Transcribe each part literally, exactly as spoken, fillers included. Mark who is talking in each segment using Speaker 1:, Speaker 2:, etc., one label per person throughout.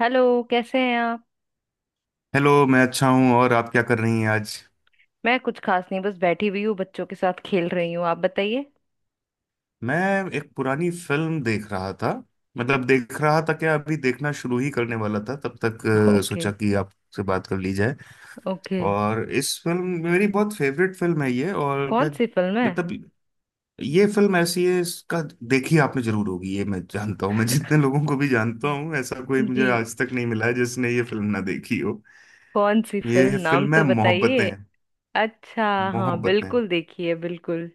Speaker 1: Hello. कैसे हैं आप?
Speaker 2: हेलो, मैं अच्छा हूँ। और आप क्या कर रही हैं आज।
Speaker 1: मैं कुछ खास नहीं, बस बैठी हुई हूँ, बच्चों के साथ खेल रही हूँ। आप बताइए।
Speaker 2: मैं एक पुरानी फिल्म देख रहा था। मतलब देख रहा था क्या, अभी देखना शुरू ही करने वाला था तब तक अ,
Speaker 1: ओके।
Speaker 2: सोचा कि आपसे बात कर ली जाए।
Speaker 1: ओके।
Speaker 2: और इस फिल्म, मेरी बहुत फेवरेट फिल्म है ये। और
Speaker 1: कौन
Speaker 2: मैं
Speaker 1: सी फिल्म है?
Speaker 2: मतलब ये फिल्म ऐसी है, इसका देखी आपने जरूर होगी ये, मैं जानता हूँ। मैं जितने लोगों को भी जानता हूँ, ऐसा कोई
Speaker 1: जी,
Speaker 2: मुझे आज तक नहीं मिला है जिसने ये फिल्म ना देखी हो।
Speaker 1: कौन सी फिल्म,
Speaker 2: ये
Speaker 1: नाम
Speaker 2: फिल्म है
Speaker 1: तो
Speaker 2: मोहब्बतें।
Speaker 1: बताइए। अच्छा। हाँ,
Speaker 2: मोहब्बतें।
Speaker 1: बिल्कुल, देखिए बिल्कुल।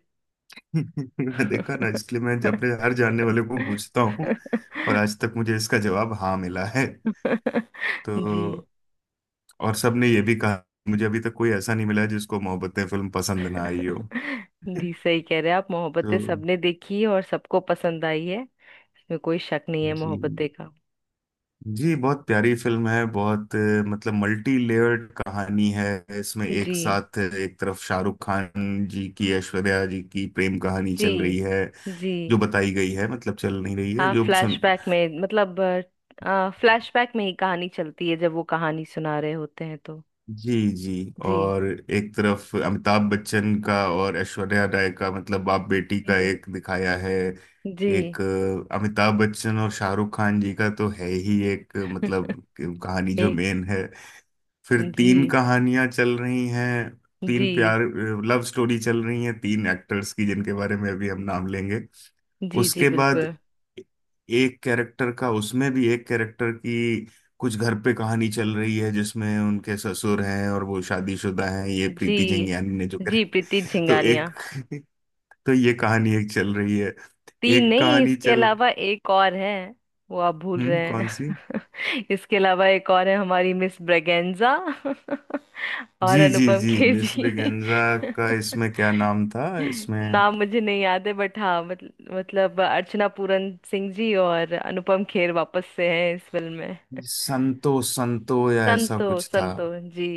Speaker 2: देखा ना, इसलिए मैं अपने हर जानने वाले को पूछता हूँ। और आज तक मुझे इसका जवाब हाँ मिला है।
Speaker 1: जी।
Speaker 2: तो और सबने ये भी कहा, मुझे अभी तक कोई ऐसा नहीं मिला है जिसको मोहब्बतें फिल्म पसंद ना आई हो।
Speaker 1: जी, सही कह रहे हैं आप।
Speaker 2: तो
Speaker 1: मोहब्बतें सबने देखी है और सबको पसंद आई है। इसमें कोई शक नहीं है
Speaker 2: जी,
Speaker 1: मोहब्बतें का।
Speaker 2: जी, बहुत प्यारी फिल्म है। बहुत अ, मतलब मल्टी लेयर्ड कहानी है। इसमें एक
Speaker 1: जी,
Speaker 2: साथ अ, एक तरफ शाहरुख खान जी की, ऐश्वर्या जी की प्रेम कहानी
Speaker 1: जी,
Speaker 2: चल रही है।
Speaker 1: जी।
Speaker 2: जो बताई गई है, मतलब चल नहीं रही है,
Speaker 1: हाँ,
Speaker 2: जो सुन,
Speaker 1: फ्लैशबैक में, मतलब फ्लैशबैक में ही कहानी चलती है, जब वो कहानी सुना रहे होते हैं तो।
Speaker 2: जी जी।
Speaker 1: जी,
Speaker 2: और एक तरफ अमिताभ बच्चन का और ऐश्वर्या राय का, मतलब बाप बेटी का
Speaker 1: जी,
Speaker 2: एक दिखाया है।
Speaker 1: जी।
Speaker 2: एक अ, अमिताभ बच्चन और शाहरुख खान जी का तो है ही, एक अ, मतलब कहानी जो
Speaker 1: एक।
Speaker 2: मेन है। फिर
Speaker 1: जी,
Speaker 2: तीन कहानियां चल रही हैं।
Speaker 1: जी,
Speaker 2: तीन प्यार, लव स्टोरी चल रही हैं, तीन एक्टर्स की, जिनके बारे में अभी हम नाम लेंगे।
Speaker 1: जी, जी
Speaker 2: उसके बाद
Speaker 1: बिल्कुल।
Speaker 2: एक कैरेक्टर का, उसमें भी एक कैरेक्टर की कुछ घर पे कहानी चल रही है, जिसमें उनके ससुर हैं और वो शादीशुदा हैं, ये प्रीति
Speaker 1: जी,
Speaker 2: जिंगियानी ने जो
Speaker 1: जी,
Speaker 2: कैरेक्टर।
Speaker 1: प्रीति
Speaker 2: तो एक
Speaker 1: झिंगानिया।
Speaker 2: तो ये कहानी एक चल रही है।
Speaker 1: तीन
Speaker 2: एक
Speaker 1: नहीं,
Speaker 2: कहानी
Speaker 1: इसके
Speaker 2: चल,
Speaker 1: अलावा एक और है, वो आप भूल रहे
Speaker 2: हम्म कौन सी,
Speaker 1: हैं। इसके अलावा एक और है, हमारी मिस ब्रेगेंजा और
Speaker 2: जी जी
Speaker 1: अनुपम
Speaker 2: जी
Speaker 1: खेर
Speaker 2: मिस
Speaker 1: जी।
Speaker 2: ब्रिगेंजा का इसमें क्या नाम था, इसमें
Speaker 1: नाम मुझे नहीं याद है, बट हाँ, मत, मतलब अर्चना पूरन सिंह जी और अनुपम खेर वापस से हैं इस फिल्म में।
Speaker 2: संतो संतो या ऐसा
Speaker 1: संतो,
Speaker 2: कुछ था।
Speaker 1: संतो। जी,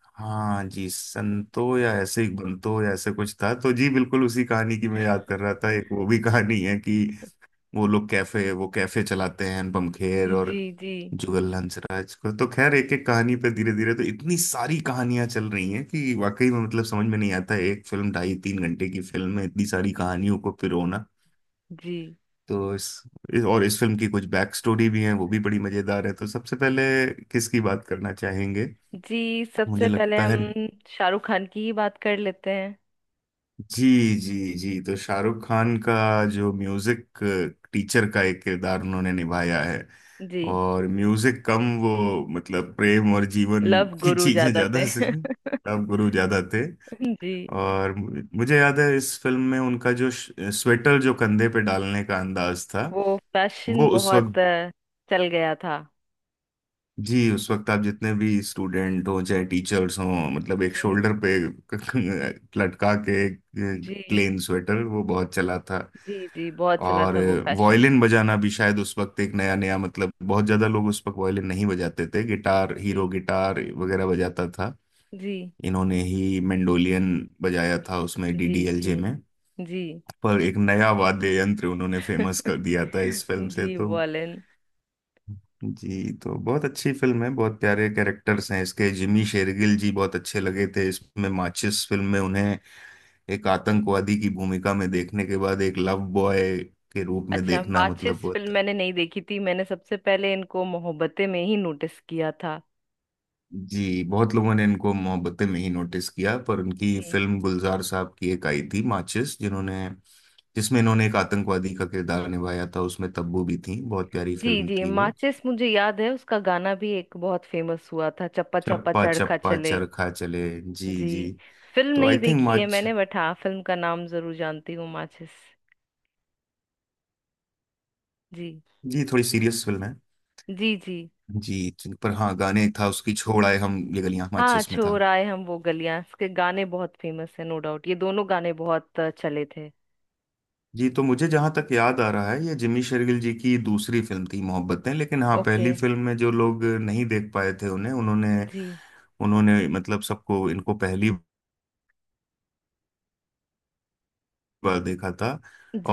Speaker 2: हाँ जी, संतो या ऐसे ही, बंतो या ऐसे कुछ था। तो जी बिल्कुल, उसी कहानी की मैं याद कर रहा था। एक वो भी कहानी है कि वो लोग कैफे, वो कैफे चलाते हैं अनुपम खेर और
Speaker 1: जी, जी,
Speaker 2: जुगल हंसराज को। तो खैर, एक एक कहानी पे धीरे धीरे, तो इतनी सारी कहानियां चल रही हैं कि वाकई में, मतलब समझ में नहीं आता है, एक फिल्म ढाई तीन घंटे की फिल्म में इतनी सारी कहानियों को पिरोना।
Speaker 1: जी,
Speaker 2: तो इस, इस और इस फिल्म की कुछ बैक स्टोरी भी है, वो भी बड़ी मजेदार है। तो सबसे पहले किसकी बात करना चाहेंगे,
Speaker 1: जी।
Speaker 2: मुझे
Speaker 1: सबसे पहले
Speaker 2: लगता है।
Speaker 1: हम शाहरुख खान की ही बात कर लेते हैं।
Speaker 2: जी जी जी, तो शाहरुख खान का जो म्यूजिक टीचर का एक किरदार उन्होंने निभाया है।
Speaker 1: जी,
Speaker 2: और म्यूजिक कम वो, मतलब प्रेम और जीवन
Speaker 1: लव
Speaker 2: की
Speaker 1: गुरु
Speaker 2: चीजें
Speaker 1: ज्यादा थे
Speaker 2: ज्यादा से तब गुरु ज्यादा थे।
Speaker 1: जी,
Speaker 2: और मु- मुझे याद है इस फिल्म में उनका जो स्वेटर जो कंधे पे डालने का अंदाज था,
Speaker 1: वो
Speaker 2: वो
Speaker 1: फैशन
Speaker 2: उस
Speaker 1: बहुत
Speaker 2: वक्त,
Speaker 1: अ, चल गया था।
Speaker 2: जी उस वक्त आप जितने भी स्टूडेंट हो, चाहे टीचर्स हों, मतलब एक
Speaker 1: जी,
Speaker 2: शोल्डर पे लटका के
Speaker 1: जी,
Speaker 2: प्लेन स्वेटर वो बहुत चला था।
Speaker 1: जी। जी बहुत चला
Speaker 2: और
Speaker 1: था वो फैशन।
Speaker 2: वायलिन बजाना भी शायद उस वक्त एक नया नया, मतलब बहुत ज्यादा लोग उस वक्त वायलिन नहीं बजाते थे। गिटार हीरो
Speaker 1: जी,
Speaker 2: गिटार वगैरह बजाता था।
Speaker 1: जी,
Speaker 2: इन्होंने ही मेंडोलियन बजाया था उसमें,
Speaker 1: जी, जी,
Speaker 2: डी डी एल जे में।
Speaker 1: जी।
Speaker 2: पर एक नया वाद्य यंत्र उन्होंने फेमस कर दिया था इस फिल्म से।
Speaker 1: जी,
Speaker 2: तो
Speaker 1: वॉलेन।
Speaker 2: जी, तो बहुत अच्छी फिल्म है। बहुत प्यारे कैरेक्टर्स हैं इसके। जिमी शेरगिल जी बहुत अच्छे लगे थे इसमें। माचिस फिल्म में उन्हें एक आतंकवादी की भूमिका में देखने के बाद एक लव बॉय के रूप में
Speaker 1: अच्छा,
Speaker 2: देखना, मतलब
Speaker 1: माचिस
Speaker 2: बहुत।
Speaker 1: फिल्म मैंने नहीं देखी थी। मैंने सबसे पहले इनको मोहब्बतें में ही नोटिस किया था।
Speaker 2: जी बहुत लोगों ने इनको मोहब्बतें में ही नोटिस किया, पर उनकी
Speaker 1: जी।
Speaker 2: फिल्म गुलजार साहब की एक आई थी माचिस, जिन्होंने, जिसमें इन्होंने एक आतंकवादी का किरदार निभाया था, उसमें तब्बू भी थी। बहुत प्यारी
Speaker 1: जी,
Speaker 2: फिल्म
Speaker 1: जी,
Speaker 2: थी वो।
Speaker 1: माचिस मुझे याद है। उसका गाना भी एक बहुत फेमस हुआ था, चप्पा चप्पा
Speaker 2: चप्पा
Speaker 1: चरखा
Speaker 2: चप्पा
Speaker 1: चले।
Speaker 2: चरखा चले। जी
Speaker 1: जी,
Speaker 2: जी।
Speaker 1: फिल्म
Speaker 2: तो आई
Speaker 1: नहीं
Speaker 2: थिंक
Speaker 1: देखी है
Speaker 2: माच
Speaker 1: मैंने, बट हाँ, फिल्म का नाम जरूर जानती हूँ, माचिस। जी,
Speaker 2: जी थोड़ी सीरियस फिल्म है।
Speaker 1: जी। जी,
Speaker 2: जी, जी, पर हाँ गाने, एक था उसकी, छोड़ आए हम ये गलियां,
Speaker 1: हाँ,
Speaker 2: माचिस में था।
Speaker 1: छोर आए हम वो गलियां, इसके गाने बहुत फेमस है, नो डाउट, ये दोनों गाने बहुत अ, चले थे।
Speaker 2: जी तो मुझे जहां तक याद आ रहा है, ये जिमी शेरगिल जी की दूसरी फिल्म थी मोहब्बतें। लेकिन हाँ,
Speaker 1: ओके।
Speaker 2: पहली फिल्म में जो लोग नहीं देख पाए थे उन्हें, उन्होंने
Speaker 1: जी,
Speaker 2: उन्होंने मतलब सबको इनको पहली बार देखा था।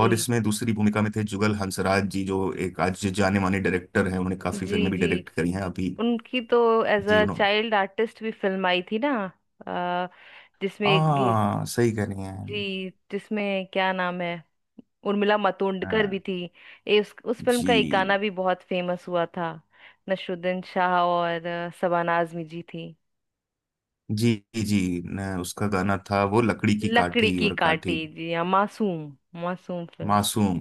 Speaker 2: और इसमें दूसरी भूमिका में थे जुगल हंसराज जी, जो एक आज जाने माने डायरेक्टर हैं। उन्होंने काफी
Speaker 1: जी।
Speaker 2: फिल्में भी
Speaker 1: जी,
Speaker 2: डायरेक्ट करी हैं अभी।
Speaker 1: उनकी तो एज
Speaker 2: जी
Speaker 1: अ
Speaker 2: उन्होंने,
Speaker 1: चाइल्ड आर्टिस्ट भी फिल्म आई थी ना? अ, जिसमें एक ये।
Speaker 2: हाँ सही कह रही हैं।
Speaker 1: जी, जिसमें क्या नाम है, उर्मिला
Speaker 2: हाँ,
Speaker 1: मातोंडकर भी थी। ए, उस उस फिल्म का एक गाना
Speaker 2: जी
Speaker 1: भी बहुत फेमस हुआ था। नसरुद्दीन शाह और अ, शबाना आजमी जी थी।
Speaker 2: जी जी, न, उसका गाना था वो, लकड़ी की
Speaker 1: लकड़ी
Speaker 2: काठी
Speaker 1: की
Speaker 2: और
Speaker 1: कांटी,
Speaker 2: काठी,
Speaker 1: जी हाँ, मासूम। मासूम फिल्म।
Speaker 2: मासूम।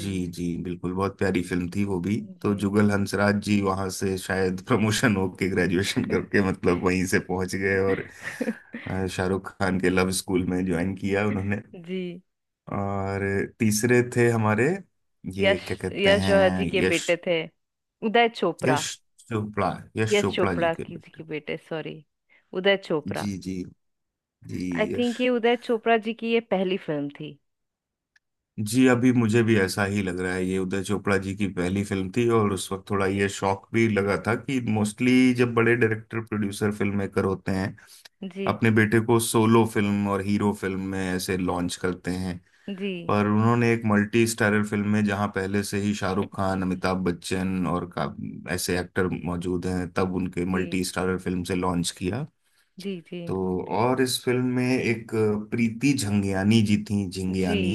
Speaker 2: जी जी बिल्कुल, बहुत प्यारी फिल्म थी वो भी।
Speaker 1: जी।
Speaker 2: तो जुगल हंसराज जी वहां से शायद प्रमोशन होके, ग्रेजुएशन करके, मतलब वहीं से पहुंच गए और अ, शाहरुख खान के लव स्कूल में ज्वाइन किया उन्होंने।
Speaker 1: जी।
Speaker 2: और तीसरे थे हमारे, ये
Speaker 1: यश,
Speaker 2: क्या कहते
Speaker 1: यश जौहर
Speaker 2: हैं,
Speaker 1: जी के
Speaker 2: यश,
Speaker 1: बेटे थे। उदय
Speaker 2: यश
Speaker 1: चोपड़ा।
Speaker 2: चोपड़ा, यश
Speaker 1: यश
Speaker 2: चोपड़ा जी
Speaker 1: चोपड़ा
Speaker 2: के
Speaker 1: की जी
Speaker 2: बेटे,
Speaker 1: के बेटे, सॉरी, उदय चोपड़ा।
Speaker 2: जी जी जी।
Speaker 1: आई
Speaker 2: यश,
Speaker 1: थिंक ये उदय चोपड़ा जी की ये पहली फिल्म थी।
Speaker 2: जी अभी मुझे भी ऐसा ही लग रहा है ये उदय चोपड़ा जी की पहली फिल्म थी। और उस वक्त थोड़ा ये शौक भी लगा था कि मोस्टली जब बड़े डायरेक्टर, प्रोड्यूसर, फिल्म मेकर होते हैं,
Speaker 1: जी,
Speaker 2: अपने बेटे को सोलो फिल्म और हीरो फिल्म में ऐसे लॉन्च करते हैं।
Speaker 1: जी,
Speaker 2: पर उन्होंने एक मल्टी स्टारर फिल्म में, जहां पहले से ही शाहरुख खान, अमिताभ बच्चन और का ऐसे एक्टर मौजूद हैं, तब उनके
Speaker 1: जी,
Speaker 2: मल्टी स्टारर फिल्म से लॉन्च किया।
Speaker 1: जी, जी,
Speaker 2: तो और इस फिल्म में एक प्रीति झंगियानी जी थी,
Speaker 1: जी,
Speaker 2: झिंगियानी,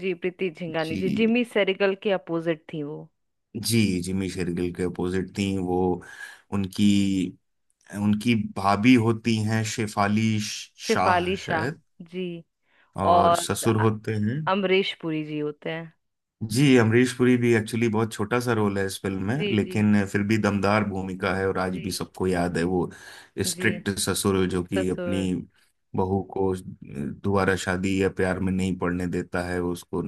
Speaker 1: जी। प्रीति झिंगानी जी
Speaker 2: जी
Speaker 1: जिमी सेरिगल के अपोजिट थी वो।
Speaker 2: जी, जिमी शेरगिल के अपोजिट थी वो। उनकी, उनकी भाभी होती हैं शेफाली शाह
Speaker 1: शेफाली शाह
Speaker 2: शायद।
Speaker 1: जी।
Speaker 2: और
Speaker 1: और
Speaker 2: ससुर
Speaker 1: अ-
Speaker 2: होते हैं,
Speaker 1: अमरीश पुरी जी होते हैं।
Speaker 2: जी अमरीश पुरी भी एक्चुअली बहुत छोटा सा रोल है इस फिल्म में,
Speaker 1: जी, जी,
Speaker 2: लेकिन फिर भी दमदार भूमिका है और आज
Speaker 1: जी,
Speaker 2: भी सबको याद है वो
Speaker 1: जी
Speaker 2: स्ट्रिक्ट ससुर जो कि अपनी
Speaker 1: ससुर।
Speaker 2: बहू को दोबारा शादी या प्यार में नहीं पड़ने देता है। वो उसको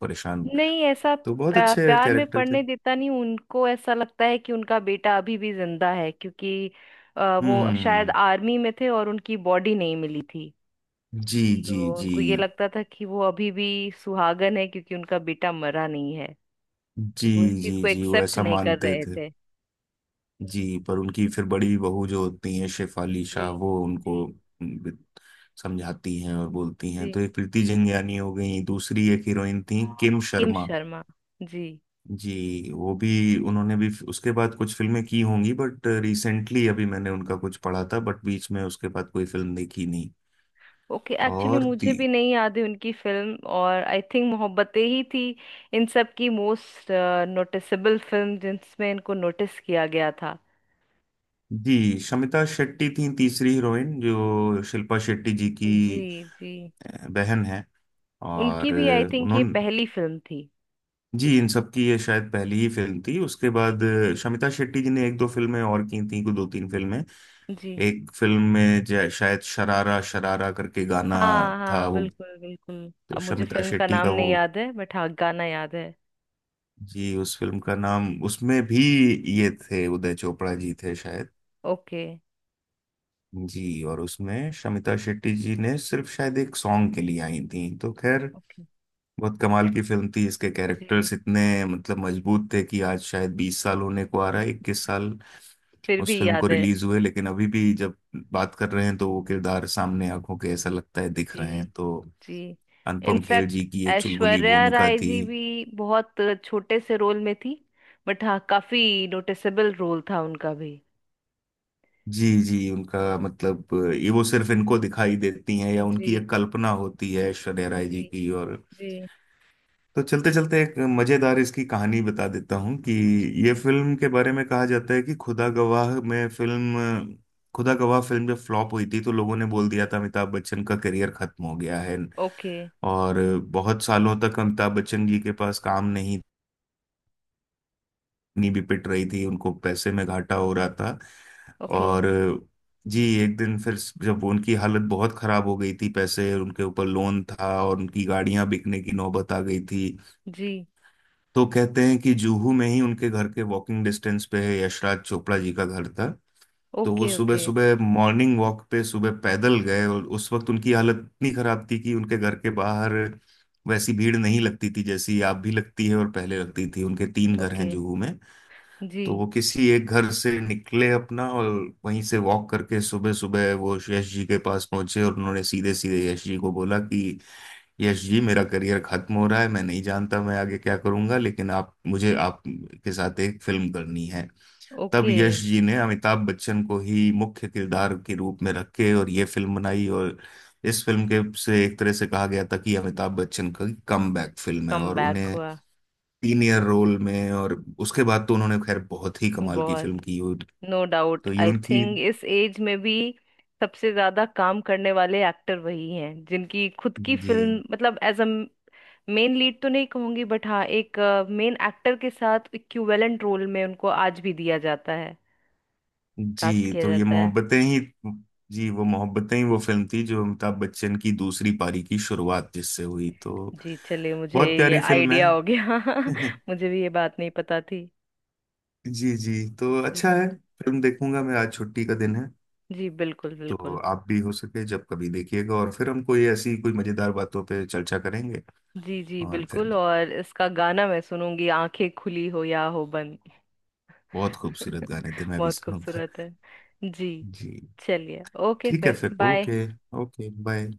Speaker 2: परेशान,
Speaker 1: नहीं, ऐसा
Speaker 2: तो बहुत
Speaker 1: प्या-
Speaker 2: अच्छे
Speaker 1: प्यार में
Speaker 2: कैरेक्टर थे।
Speaker 1: पड़ने देता नहीं। उनको ऐसा लगता है कि उनका बेटा अभी भी जिंदा है, क्योंकि अ, वो शायद
Speaker 2: हम्म,
Speaker 1: आर्मी में थे और उनकी बॉडी नहीं मिली थी।
Speaker 2: जी जी
Speaker 1: तो
Speaker 2: जी
Speaker 1: उनको ये लगता था कि वो अभी भी सुहागन है, क्योंकि उनका बेटा मरा नहीं है।
Speaker 2: जी
Speaker 1: तो वो इस चीज
Speaker 2: जी
Speaker 1: को
Speaker 2: जी, वो
Speaker 1: एक्सेप्ट
Speaker 2: ऐसा
Speaker 1: नहीं कर
Speaker 2: मानते
Speaker 1: रहे
Speaker 2: थे।
Speaker 1: थे।
Speaker 2: जी पर उनकी फिर बड़ी बहू जो होती हैं शेफाली
Speaker 1: जी,
Speaker 2: शाह, वो उनको
Speaker 1: जी,
Speaker 2: उम, समझाती हैं और बोलती हैं।
Speaker 1: जी।
Speaker 2: तो एक प्रीति जिंगियानी हो गई, दूसरी एक हीरोइन थी किम
Speaker 1: किम
Speaker 2: शर्मा।
Speaker 1: शर्मा। जी।
Speaker 2: जी वो भी, उन्होंने भी उसके बाद कुछ फिल्में की होंगी बट रिसेंटली अभी मैंने उनका कुछ पढ़ा था, बट बीच में उसके बाद कोई फिल्म देखी नहीं।
Speaker 1: ओके, एक्चुअली
Speaker 2: और
Speaker 1: मुझे
Speaker 2: ती,
Speaker 1: भी नहीं याद है उनकी फिल्म, और आई थिंक मोहब्बतें ही थी। इन सब की मोस्ट नोटिसेबल फिल्म जिसमें इनको नोटिस किया गया था।
Speaker 2: जी शमिता शेट्टी थी तीसरी हीरोइन, जो शिल्पा शेट्टी जी की
Speaker 1: जी, जी।
Speaker 2: अ, बहन है।
Speaker 1: उनकी
Speaker 2: और
Speaker 1: भी आई थिंक ये
Speaker 2: उन्होंने,
Speaker 1: पहली फिल्म थी।
Speaker 2: जी इन सब की ये शायद पहली ही फिल्म थी। उसके बाद अ, शमिता शेट्टी जी ने एक दो फिल्में और की थी, कुछ दो तीन फिल्में।
Speaker 1: जी।
Speaker 2: एक फिल्म में जय- शायद शरारा शरारा करके गाना
Speaker 1: हाँ,
Speaker 2: था
Speaker 1: हाँ,
Speaker 2: वो।
Speaker 1: बिल्कुल, बिल्कुल।
Speaker 2: तो
Speaker 1: अब मुझे
Speaker 2: शमिता
Speaker 1: फिल्म का
Speaker 2: शेट्टी
Speaker 1: नाम
Speaker 2: का वो,
Speaker 1: नहीं याद है, बट हाँ, गाना याद है।
Speaker 2: जी उस फिल्म का नाम, उसमें भी ये थे उदय चोपड़ा जी थे शायद।
Speaker 1: ओके।
Speaker 2: जी, और उसमें शमिता शेट्टी जी ने सिर्फ शायद एक सॉन्ग के लिए आई थी। तो खैर,
Speaker 1: ओके।
Speaker 2: बहुत कमाल की फिल्म थी। इसके
Speaker 1: जी।
Speaker 2: कैरेक्टर्स इतने मतलब मजबूत थे कि आज शायद बीस साल होने को आ रहा है, इक्कीस साल
Speaker 1: फिर
Speaker 2: उस
Speaker 1: भी
Speaker 2: फिल्म
Speaker 1: याद
Speaker 2: को
Speaker 1: है।
Speaker 2: रिलीज हुए। लेकिन अभी भी जब बात कर रहे हैं तो वो किरदार सामने आंखों के ऐसा लगता है दिख रहे
Speaker 1: जी,
Speaker 2: हैं। तो
Speaker 1: जी।
Speaker 2: अनुपम खेर
Speaker 1: इनफैक्ट
Speaker 2: जी की एक चुलबुली
Speaker 1: ऐश्वर्या
Speaker 2: भूमिका
Speaker 1: राय
Speaker 2: थी।
Speaker 1: जी भी बहुत छोटे से रोल में थी, बट हाँ, काफी नोटिसेबल रोल था उनका भी।
Speaker 2: जी जी उनका मतलब, ये वो सिर्फ इनको दिखाई देती हैं, या उनकी
Speaker 1: जी,
Speaker 2: एक कल्पना होती है ऐश्वर्या राय जी
Speaker 1: जी,
Speaker 2: की। और
Speaker 1: जी,
Speaker 2: तो चलते चलते एक मजेदार इसकी कहानी बता देता हूँ कि
Speaker 1: जी।
Speaker 2: ये फिल्म के बारे में कहा जाता है कि खुदा गवाह में फिल्म, खुदा गवाह फिल्म जब फ्लॉप हुई थी तो लोगों ने बोल दिया था अमिताभ बच्चन का करियर खत्म हो गया है।
Speaker 1: ओके।
Speaker 2: और बहुत सालों तक अमिताभ बच्चन जी के पास काम नहीं, नहीं भी पिट रही थी, उनको पैसे में घाटा हो रहा था।
Speaker 1: ओके।
Speaker 2: और जी एक दिन फिर, जब उनकी हालत बहुत खराब हो गई थी, पैसे उनके ऊपर लोन था और उनकी गाड़ियां बिकने की नौबत आ गई थी।
Speaker 1: जी।
Speaker 2: तो कहते हैं कि जुहू में ही उनके घर के वॉकिंग डिस्टेंस पे है, यशराज चोपड़ा जी का घर था। तो वो
Speaker 1: ओके।
Speaker 2: सुबह
Speaker 1: ओके।
Speaker 2: सुबह मॉर्निंग वॉक पे सुबह पैदल गए। और उस वक्त उनकी हालत इतनी खराब थी कि उनके घर के बाहर वैसी भीड़ नहीं लगती थी जैसी आप भी लगती है और पहले लगती थी। उनके तीन घर
Speaker 1: ओके।
Speaker 2: हैं जुहू में।
Speaker 1: जी।
Speaker 2: तो वो किसी एक घर से निकले अपना और वहीं से वॉक करके सुबह सुबह वो यश जी के पास पहुंचे और उन्होंने सीधे सीधे यश जी को बोला कि यश जी, मेरा करियर खत्म हो रहा है, मैं नहीं जानता मैं आगे क्या करूंगा, लेकिन आप मुझे, आप के साथ एक फिल्म करनी है। तब
Speaker 1: ओके।
Speaker 2: यश जी ने अमिताभ बच्चन को ही मुख्य किरदार के रूप में रख के और ये फिल्म बनाई। और इस फिल्म के से एक तरह से कहा गया था कि अमिताभ बच्चन का कम बैक फिल्म है
Speaker 1: कम
Speaker 2: और
Speaker 1: बैक
Speaker 2: उन्हें
Speaker 1: हुआ।
Speaker 2: सीनियर रोल में। और उसके बाद तो उन्होंने खैर बहुत ही कमाल की
Speaker 1: बहुत।
Speaker 2: फिल्म की। और
Speaker 1: नो डाउट
Speaker 2: तो ये
Speaker 1: आई
Speaker 2: उनकी,
Speaker 1: थिंक इस एज में भी सबसे ज्यादा काम करने वाले एक्टर वही हैं, जिनकी खुद की
Speaker 2: जी
Speaker 1: फिल्म मतलब एज अ मेन लीड तो नहीं कहूंगी, बट हाँ, एक मेन एक्टर के साथ इक्विवेलेंट रोल में उनको आज भी दिया जाता है, कास्ट
Speaker 2: जी
Speaker 1: किया
Speaker 2: तो ये
Speaker 1: जाता है।
Speaker 2: मोहब्बतें ही, जी वो मोहब्बतें ही वो फिल्म थी जो अमिताभ बच्चन की दूसरी पारी की शुरुआत जिससे हुई। तो
Speaker 1: जी, चलिए, मुझे
Speaker 2: बहुत
Speaker 1: ये
Speaker 2: प्यारी फिल्म
Speaker 1: आइडिया
Speaker 2: है।
Speaker 1: हो गया। मुझे भी ये बात नहीं पता थी।
Speaker 2: जी जी, तो अच्छा
Speaker 1: जी,
Speaker 2: है, फिल्म देखूंगा मैं, आज छुट्टी का दिन है।
Speaker 1: जी, बिल्कुल,
Speaker 2: तो
Speaker 1: बिल्कुल।
Speaker 2: आप भी हो सके जब कभी देखिएगा और फिर हम कोई ऐसी कोई मजेदार बातों पे चर्चा करेंगे।
Speaker 1: जी, जी,
Speaker 2: और फिर
Speaker 1: बिल्कुल, और इसका गाना मैं सुनूंगी, आंखें खुली हो या हो बंद।
Speaker 2: बहुत खूबसूरत गाने थे, मैं भी
Speaker 1: बहुत
Speaker 2: सुनूंगा।
Speaker 1: खूबसूरत है। जी,
Speaker 2: जी
Speaker 1: चलिए, ओके,
Speaker 2: ठीक है,
Speaker 1: फिर
Speaker 2: फिर
Speaker 1: बाय।
Speaker 2: ओके। Okay bye.